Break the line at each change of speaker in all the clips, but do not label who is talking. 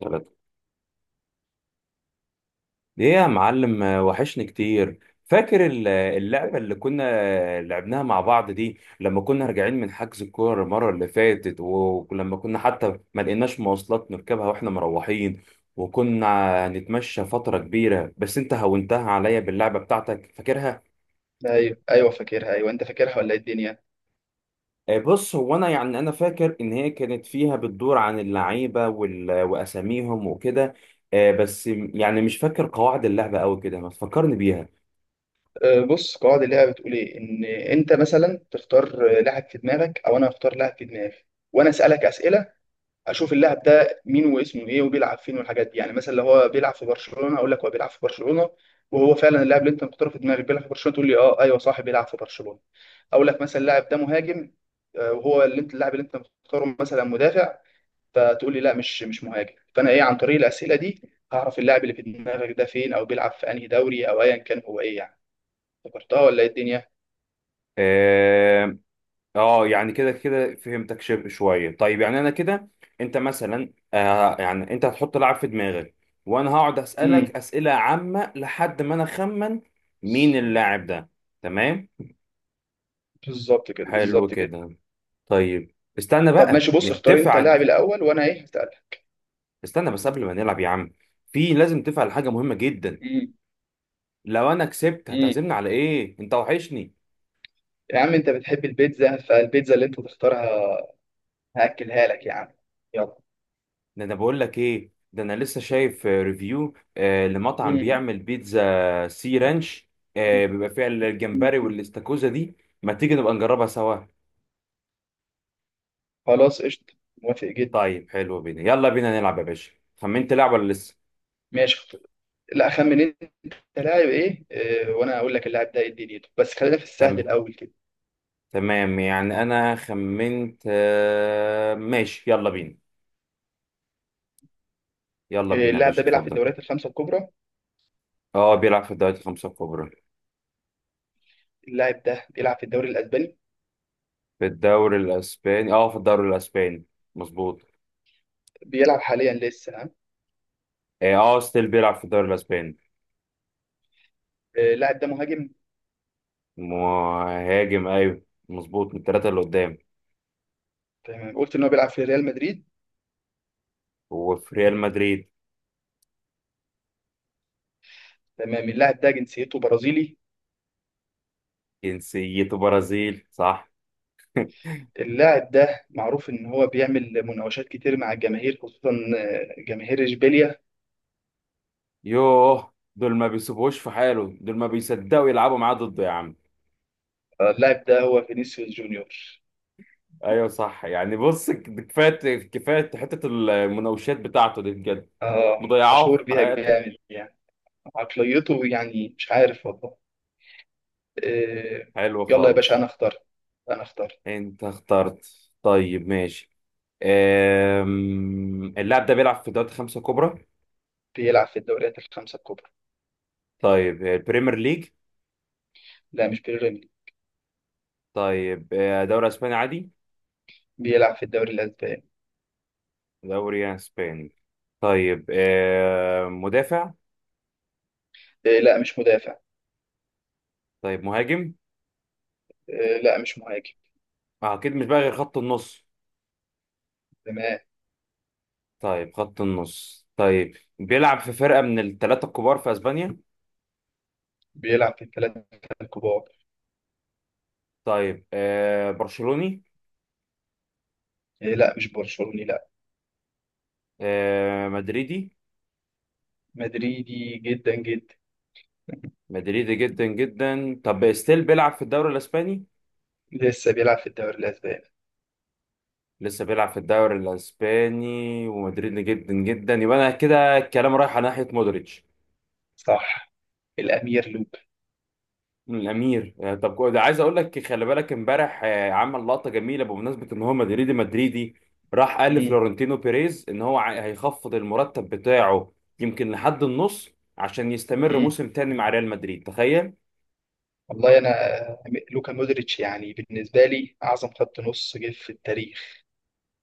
ثلاثة. ليه يا معلم، وحشني كتير. فاكر اللعبة اللي كنا لعبناها مع بعض دي لما كنا راجعين من حجز الكورة المرة اللي فاتت، ولما كنا حتى ما لقيناش مواصلات نركبها واحنا مروحين، وكنا نتمشى فترة كبيرة بس انت هونتها عليا باللعبة بتاعتك. فاكرها؟
ايوه، ايوه، فاكرها. ايوه، انت فاكرها ولا ايه الدنيا؟
بص هو انا يعني انا فاكر ان هي كانت فيها بتدور عن اللعيبة واساميهم وكده. بس يعني مش فاكر قواعد اللعبة قوي كده، ما تفكرني بيها.
بص، قواعد اللعبه بتقول ايه؟ ان انت مثلا تختار لاعب في دماغك، او انا اختار لاعب في دماغي، وانا اسالك اسئله، اشوف اللاعب ده مين واسمه ايه وبيلعب فين والحاجات دي. يعني مثلا لو هو بيلعب في برشلونه، اقول لك هو بيلعب في برشلونه. وهو فعلا اللاعب اللي انت مختاره في دماغك بيلعب في برشلونه، تقول لي اه، ايوه، صح، بيلعب في برشلونه. اقول لك مثلا اللاعب ده مهاجم، وهو اللي انت اللاعب اللي انت مختاره مثلا مدافع، فتقول لي لا، مش مهاجم. فانا ايه، عن طريق الاسئله دي هعرف اللاعب اللي في دماغك ده فين او بيلعب في انهي دوري او ايا كان هو ايه يعني. افتكرتها ولا ايه الدنيا؟
آه، اه يعني كده كده فهمتك شبه شويه. طيب يعني انا كده، انت مثلا يعني انت هتحط لاعب في دماغك وانا هقعد اسالك
امم.
اسئله عامه لحد ما انا اخمن مين
بز-
اللاعب ده. تمام.
بالظبط كده،
حلو
بالظبط كده.
كده. طيب. استنى
طب
بقى
ماشي، بص، اختار
نتفق
انت اللاعب
على-
الاول وانا ايه هسالك.
استنى بس قبل ما نلعب يا عم، في لازم نتفق على حاجه مهمه جدا.
امم.
لو انا كسبت
امم.
هتعزمني على ايه؟ انت وحشني.
يا عم انت بتحب البيتزا، فالبيتزا اللي انت تختارها هاكلها لك يا عم. يلا.
ده انا بقول لك ايه، ده انا لسه شايف ريفيو لمطعم
مم.
بيعمل بيتزا سي رانش. بيبقى فيها
مم.
الجمبري والاستاكوزا دي. ما تيجي نبقى نجربها سوا؟
خلاص، قشطه. موافق جدا.
طيب حلو. بينا يلا بينا نلعب يا باشا. خمنت لعب ولا لسه؟
ماشي، لا، اخمن انت لاعب ايه، وانا اقول لك اللاعب ده ايه دنيته. بس خلينا في السهل
تمام.
الاول كده.
تمام يعني انا خمنت. ماشي يلا بينا. يلا بينا يا
اللاعب ده
باشا
بيلعب في
اتفضل.
الدوريات الخمسة الكبرى.
اه بيلعب في الدوري الخمسة الكبرى.
اللاعب ده بيلعب في الدوري الأسباني.
في الدوري الاسباني، اه في الدوري الاسباني، مظبوط.
بيلعب حاليا لسه، ها.
اه ستيل بيلعب في الدوري الاسباني.
اللاعب ده مهاجم.
مهاجم، ايوه. مظبوط من الثلاثه اللي قدام.
تمام، قلت إن هو بيلعب في ريال مدريد.
هو في ريال مدريد.
تمام. اللاعب ده جنسيته برازيلي.
جنسيته برازيل، صح.
اللاعب ده معروف إن هو بيعمل مناوشات كتير مع الجماهير، خصوصا جماهير إشبيليا.
يوه، دول ما بيسيبوش في حاله، دول ما بيصدقوا يلعبوا معاه ضده يا عم.
اللاعب ده هو فينيسيوس جونيور.
ايوه صح، يعني بص كفايه كفايه حته المناوشات بتاعته دي بجد. مضيعاه
مشهور
في
بيها
حياته.
جامد يعني. عقليته يعني مش عارف والله. آه،
حلو
يلا يا باشا،
خالص.
أنا اختار، أنا اختار.
انت اخترت؟ طيب، ماشي. اللاعب ده بيلعب في دوري خمسة كبرى؟
بيلعب في الدوريات الخمسة الكبرى.
طيب، البريمير ليج؟
لا، مش بيراميدز.
طيب، دوري اسباني عادي؟
بيلعب في الدوري الأسباني.
دوري يعني اسباني. طيب، مدافع؟
إيه، لا، مش مدافع.
طيب، مهاجم؟
إيه، لا، مش مهاجم.
اكيد مش بقى غير خط النص.
تمام.
طيب خط النص. طيب بيلعب في فرقة من الثلاثة الكبار في اسبانيا؟
بيلعب في الثلاثة الكبار.
طيب، برشلوني؟
إيه، لا، مش برشلوني، لا.
مدريدي؟
مدريدي جدا جدا.
مدريدي جدا جدا. طب ستيل بيلعب في الدوري الاسباني؟
لسه بيلعب في الدوري الأسباني.
لسه بيلعب في الدوري الاسباني ومدريدي جدا جدا، يبقى انا كده الكلام رايح على ناحية مودريتش.
صح. الأمير لوكا.
الامير. طب ده عايز اقول لك، خلي بالك امبارح عمل لقطه جميله بمناسبه ان هو مدريدي مدريدي، راح قال
مم.
لفلورنتينو بيريز ان هو هيخفض المرتب بتاعه يمكن لحد النص عشان يستمر
مم.
موسم تاني مع ريال مدريد، تخيل.
والله أنا، لوكا مودريتش يعني بالنسبة لي أعظم خط نص جه في التاريخ.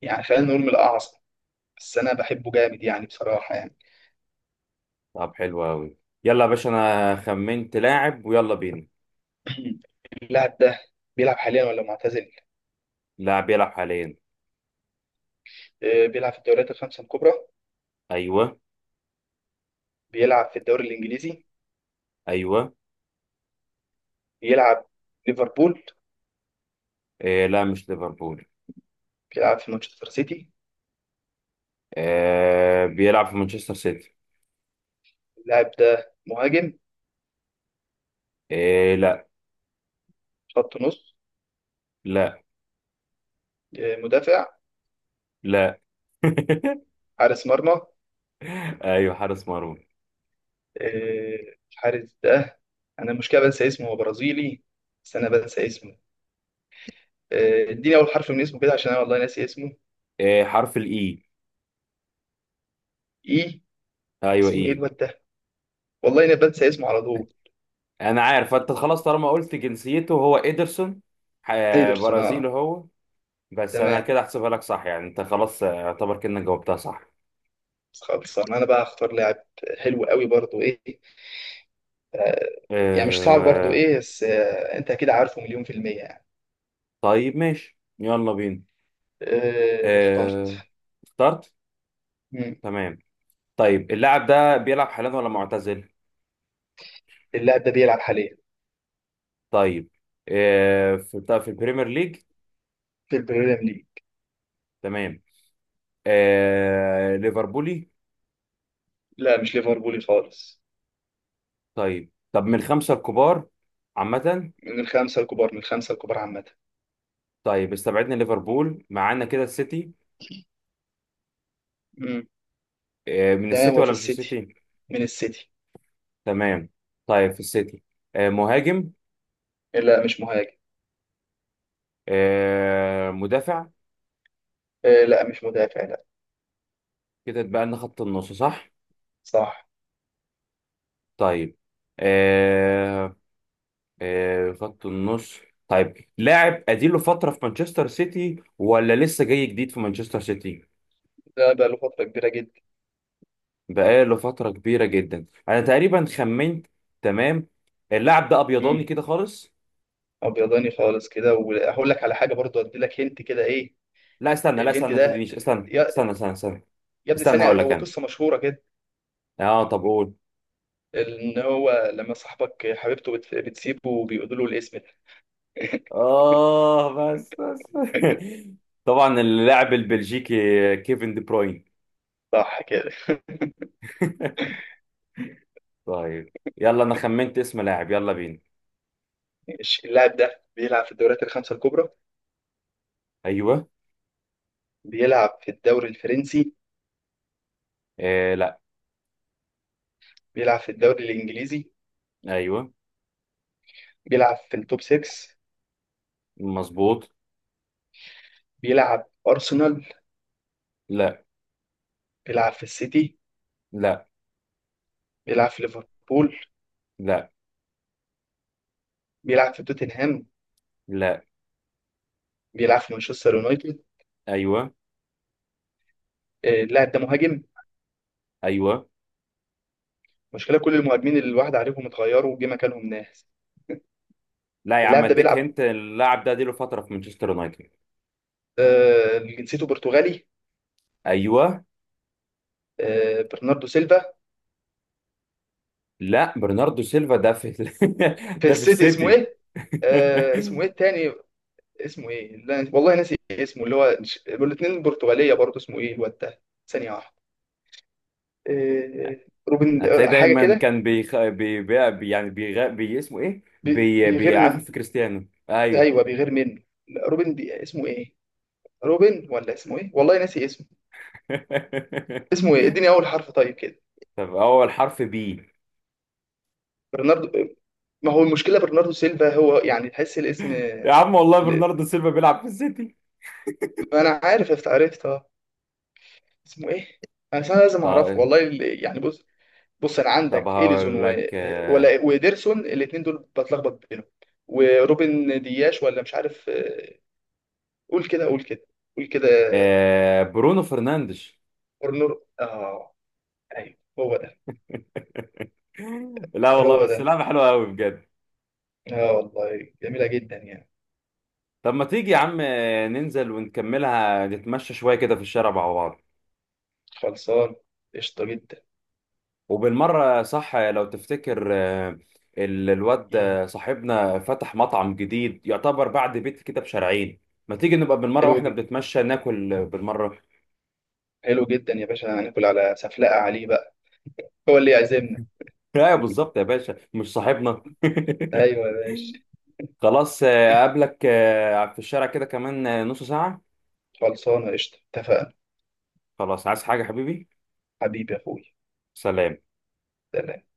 يعني خلينا نقول من الأعظم. بس أنا بحبه جامد يعني، بصراحة يعني.
طب حلو قوي. يلا يا باشا انا خمنت لاعب ويلا بينا.
اللاعب ده بيلعب حاليا ولا معتزل؟
لاعب بيلعب حاليا.
بيلعب في الدوريات الخمسة الكبرى.
ايوه.
بيلعب في الدوري الإنجليزي.
ايوه.
بيلعب ليفربول.
إيه لا، مش ليفربول.
بيلعب في مانشستر سيتي.
إيه، بيلعب في مانشستر سيتي.
اللاعب ده مهاجم؟
إيه، لا.
خط نص؟
لا.
مدافع؟
لا.
حارس مرمى.
ايوه، حارس مرمى.
الحارس ده، انا المشكله بنسى اسمه، هو برازيلي بس انا بنسى اسمه. اديني اول حرف من اسمه كده عشان انا والله ناسي اسمه.
إيه، حرف الاي.
ايه،
ايوه،
اسمه ايه
ايه.
الواد ده؟ والله انا بنسى اسمه على طول.
انا عارف انت، خلاص طالما قلت جنسيته، هو ايدرسون. ح-
ايدرسون،
برازيلي
اه.
هو، بس انا
تمام
كده احسبها لك صح، يعني انت خلاص اعتبر كأنك جاوبتها صح.
خالص. انا بقى هختار لاعب. حلو قوي برضو، ايه. آه، يعني مش صعب برضو،
أه...
ايه، بس انت اكيد عارفه مليون في المية يعني.
طيب ماشي يلا بينا. أه...
اخترت.
اخترت. تمام. طيب اللاعب ده بيلعب حاليا ولا معتزل؟
اللاعب ده بيلعب حاليا
طيب، في، طب في البريمير ليج؟
في البريمير ليج.
تمام. ليفربولي؟
لا، مش ليفربولي خالص.
طيب، طب من الخمسة الكبار عامة؟
من الخمسة الكبار، من الخمسة الكبار عامة.
طيب استبعدنا ليفربول، معانا كده السيتي.
امم.
من
تمام،
السيتي
وفي
ولا مش في
السيتي،
السيتي؟
من السيتي.
تمام. طيب في السيتي. مهاجم؟
لا، مش مهاجم.
مدافع؟
لا، مش مدافع، لا.
كده اتبقى لنا خط النص، صح؟
صح.
طيب. آه، خط النص. طيب لاعب اديله فترة في مانشستر سيتي ولا لسه جاي جديد في مانشستر سيتي؟
ده بقى له فترة كبيرة جدا.
بقاله فترة كبيرة جدا، انا تقريبا خمنت. تمام. اللاعب ده ابيضاني
امم.
كده خالص.
ابيضاني خالص كده، وهقول لك على حاجة برضو، ادي لك هنت كده، ايه.
لا استنى، لا استنى،
الهنت
ما
ده،
تدينيش، استنى
يا
استنى استنى استنى.
يا ابني،
استنى هقول
ثانية،
لك
هو
انا.
قصة مشهورة كده.
اه، طب قول.
ان هو لما صاحبك حبيبته بتسيبه وبيقولوا له الاسم ده.
بس بس. طبعا اللاعب البلجيكي كيفن دي بروين.
صح كده.
طيب يلا أنا خمنت اسم لاعب، يلا بينا.
ماشي. اللاعب ده بيلعب في الدوريات الخمسة الكبرى.
أيوه.
بيلعب في الدوري الفرنسي.
آه لا.
بيلعب في الدوري الإنجليزي.
أيوه،
بيلعب في التوب 6.
مظبوط.
بيلعب أرسنال.
لا.
بيلعب في السيتي.
لا.
بيلعب في ليفربول.
لا.
بيلعب في توتنهام.
لا.
بيلعب في مانشستر يونايتد.
أيوه.
اللاعب ده مهاجم.
أيوه.
مشكلة كل المهاجمين اللي الواحد عليهم اتغيروا وجه مكانهم ناس.
لا يا عم،
اللاعب ده
أديك
بيلعب،
هنت، اللاعب ده اديله فترة في مانشستر يونايتد.
جنسيته برتغالي.
أيوه.
برناردو سيلفا.
لا، برناردو سيلفا ده في
في
ده في
السيتي، اسمه
السيتي.
ايه؟ اسمه ايه التاني؟ اسمه ايه؟ لا والله ناسي اسمه، اللي هو الاثنين برتغالية برضه. اسمه ايه الواد ده؟ ثانية واحدة. آه، روبن،
هتلاقيه
حاجه
دايما
كده.
كان بيخ... بي... بي... بي... يعني اسمه ايه،
بيغير
بيعافر
من،
في كريستيانو، ايوه.
ايوه بيغير منه. لا، روبن اسمه ايه؟ روبن، ولا اسمه ايه، والله ناسي اسمه. اسمه ايه؟ اديني اول حرف طيب كده.
طب اول حرف بي.
برناردو، ما هو المشكله برناردو سيلفا، هو يعني تحس الاسم
يا عم والله
ل-
برناردو سيلفا بيلعب في السيتي.
ما انا عارف، عرفت، اه. اسمه ايه؟ أصل انا لازم اعرفه
طب،
والله. يعني بص، بص، انا
طب
عندك اليسون
هقول لك
ولا وديرسون، الاثنين دول بتلخبط بينهم. وروبن دياش، ولا مش عارف. قول كده، قول كده، قول كده.
برونو فرنانديش.
كورنر، اه. ايوه هو ده،
لا والله،
هو
بس
ده.
لعبة حلوة قوي بجد.
اه والله جميلة جدا يعني.
طب ما تيجي يا عم ننزل ونكملها، نتمشى شوية كده في الشارع مع بعض.
خلصان. قشطة جدا.
وبالمرة، صح، لو تفتكر الواد
مم.
صاحبنا فتح مطعم جديد، يعتبر بعد بيت كده بشارعين. ما تيجي نبقى بالمرة
حلو
واحنا
جدا،
بنتمشى ناكل بالمرة.
حلو جدا يا باشا. هناكل على سفلقة عليه بقى، هو اللي يعزمنا.
ايوه، بالظبط يا باشا، مش صاحبنا؟
ايوه يا باشا.
خلاص. اقابلك في الشارع كده كمان نص ساعة.
خلصانة قشطة. اتفقنا.
خلاص، عايز حاجة حبيبي؟
حبيبي يا اخوي.
سلام.
سلام.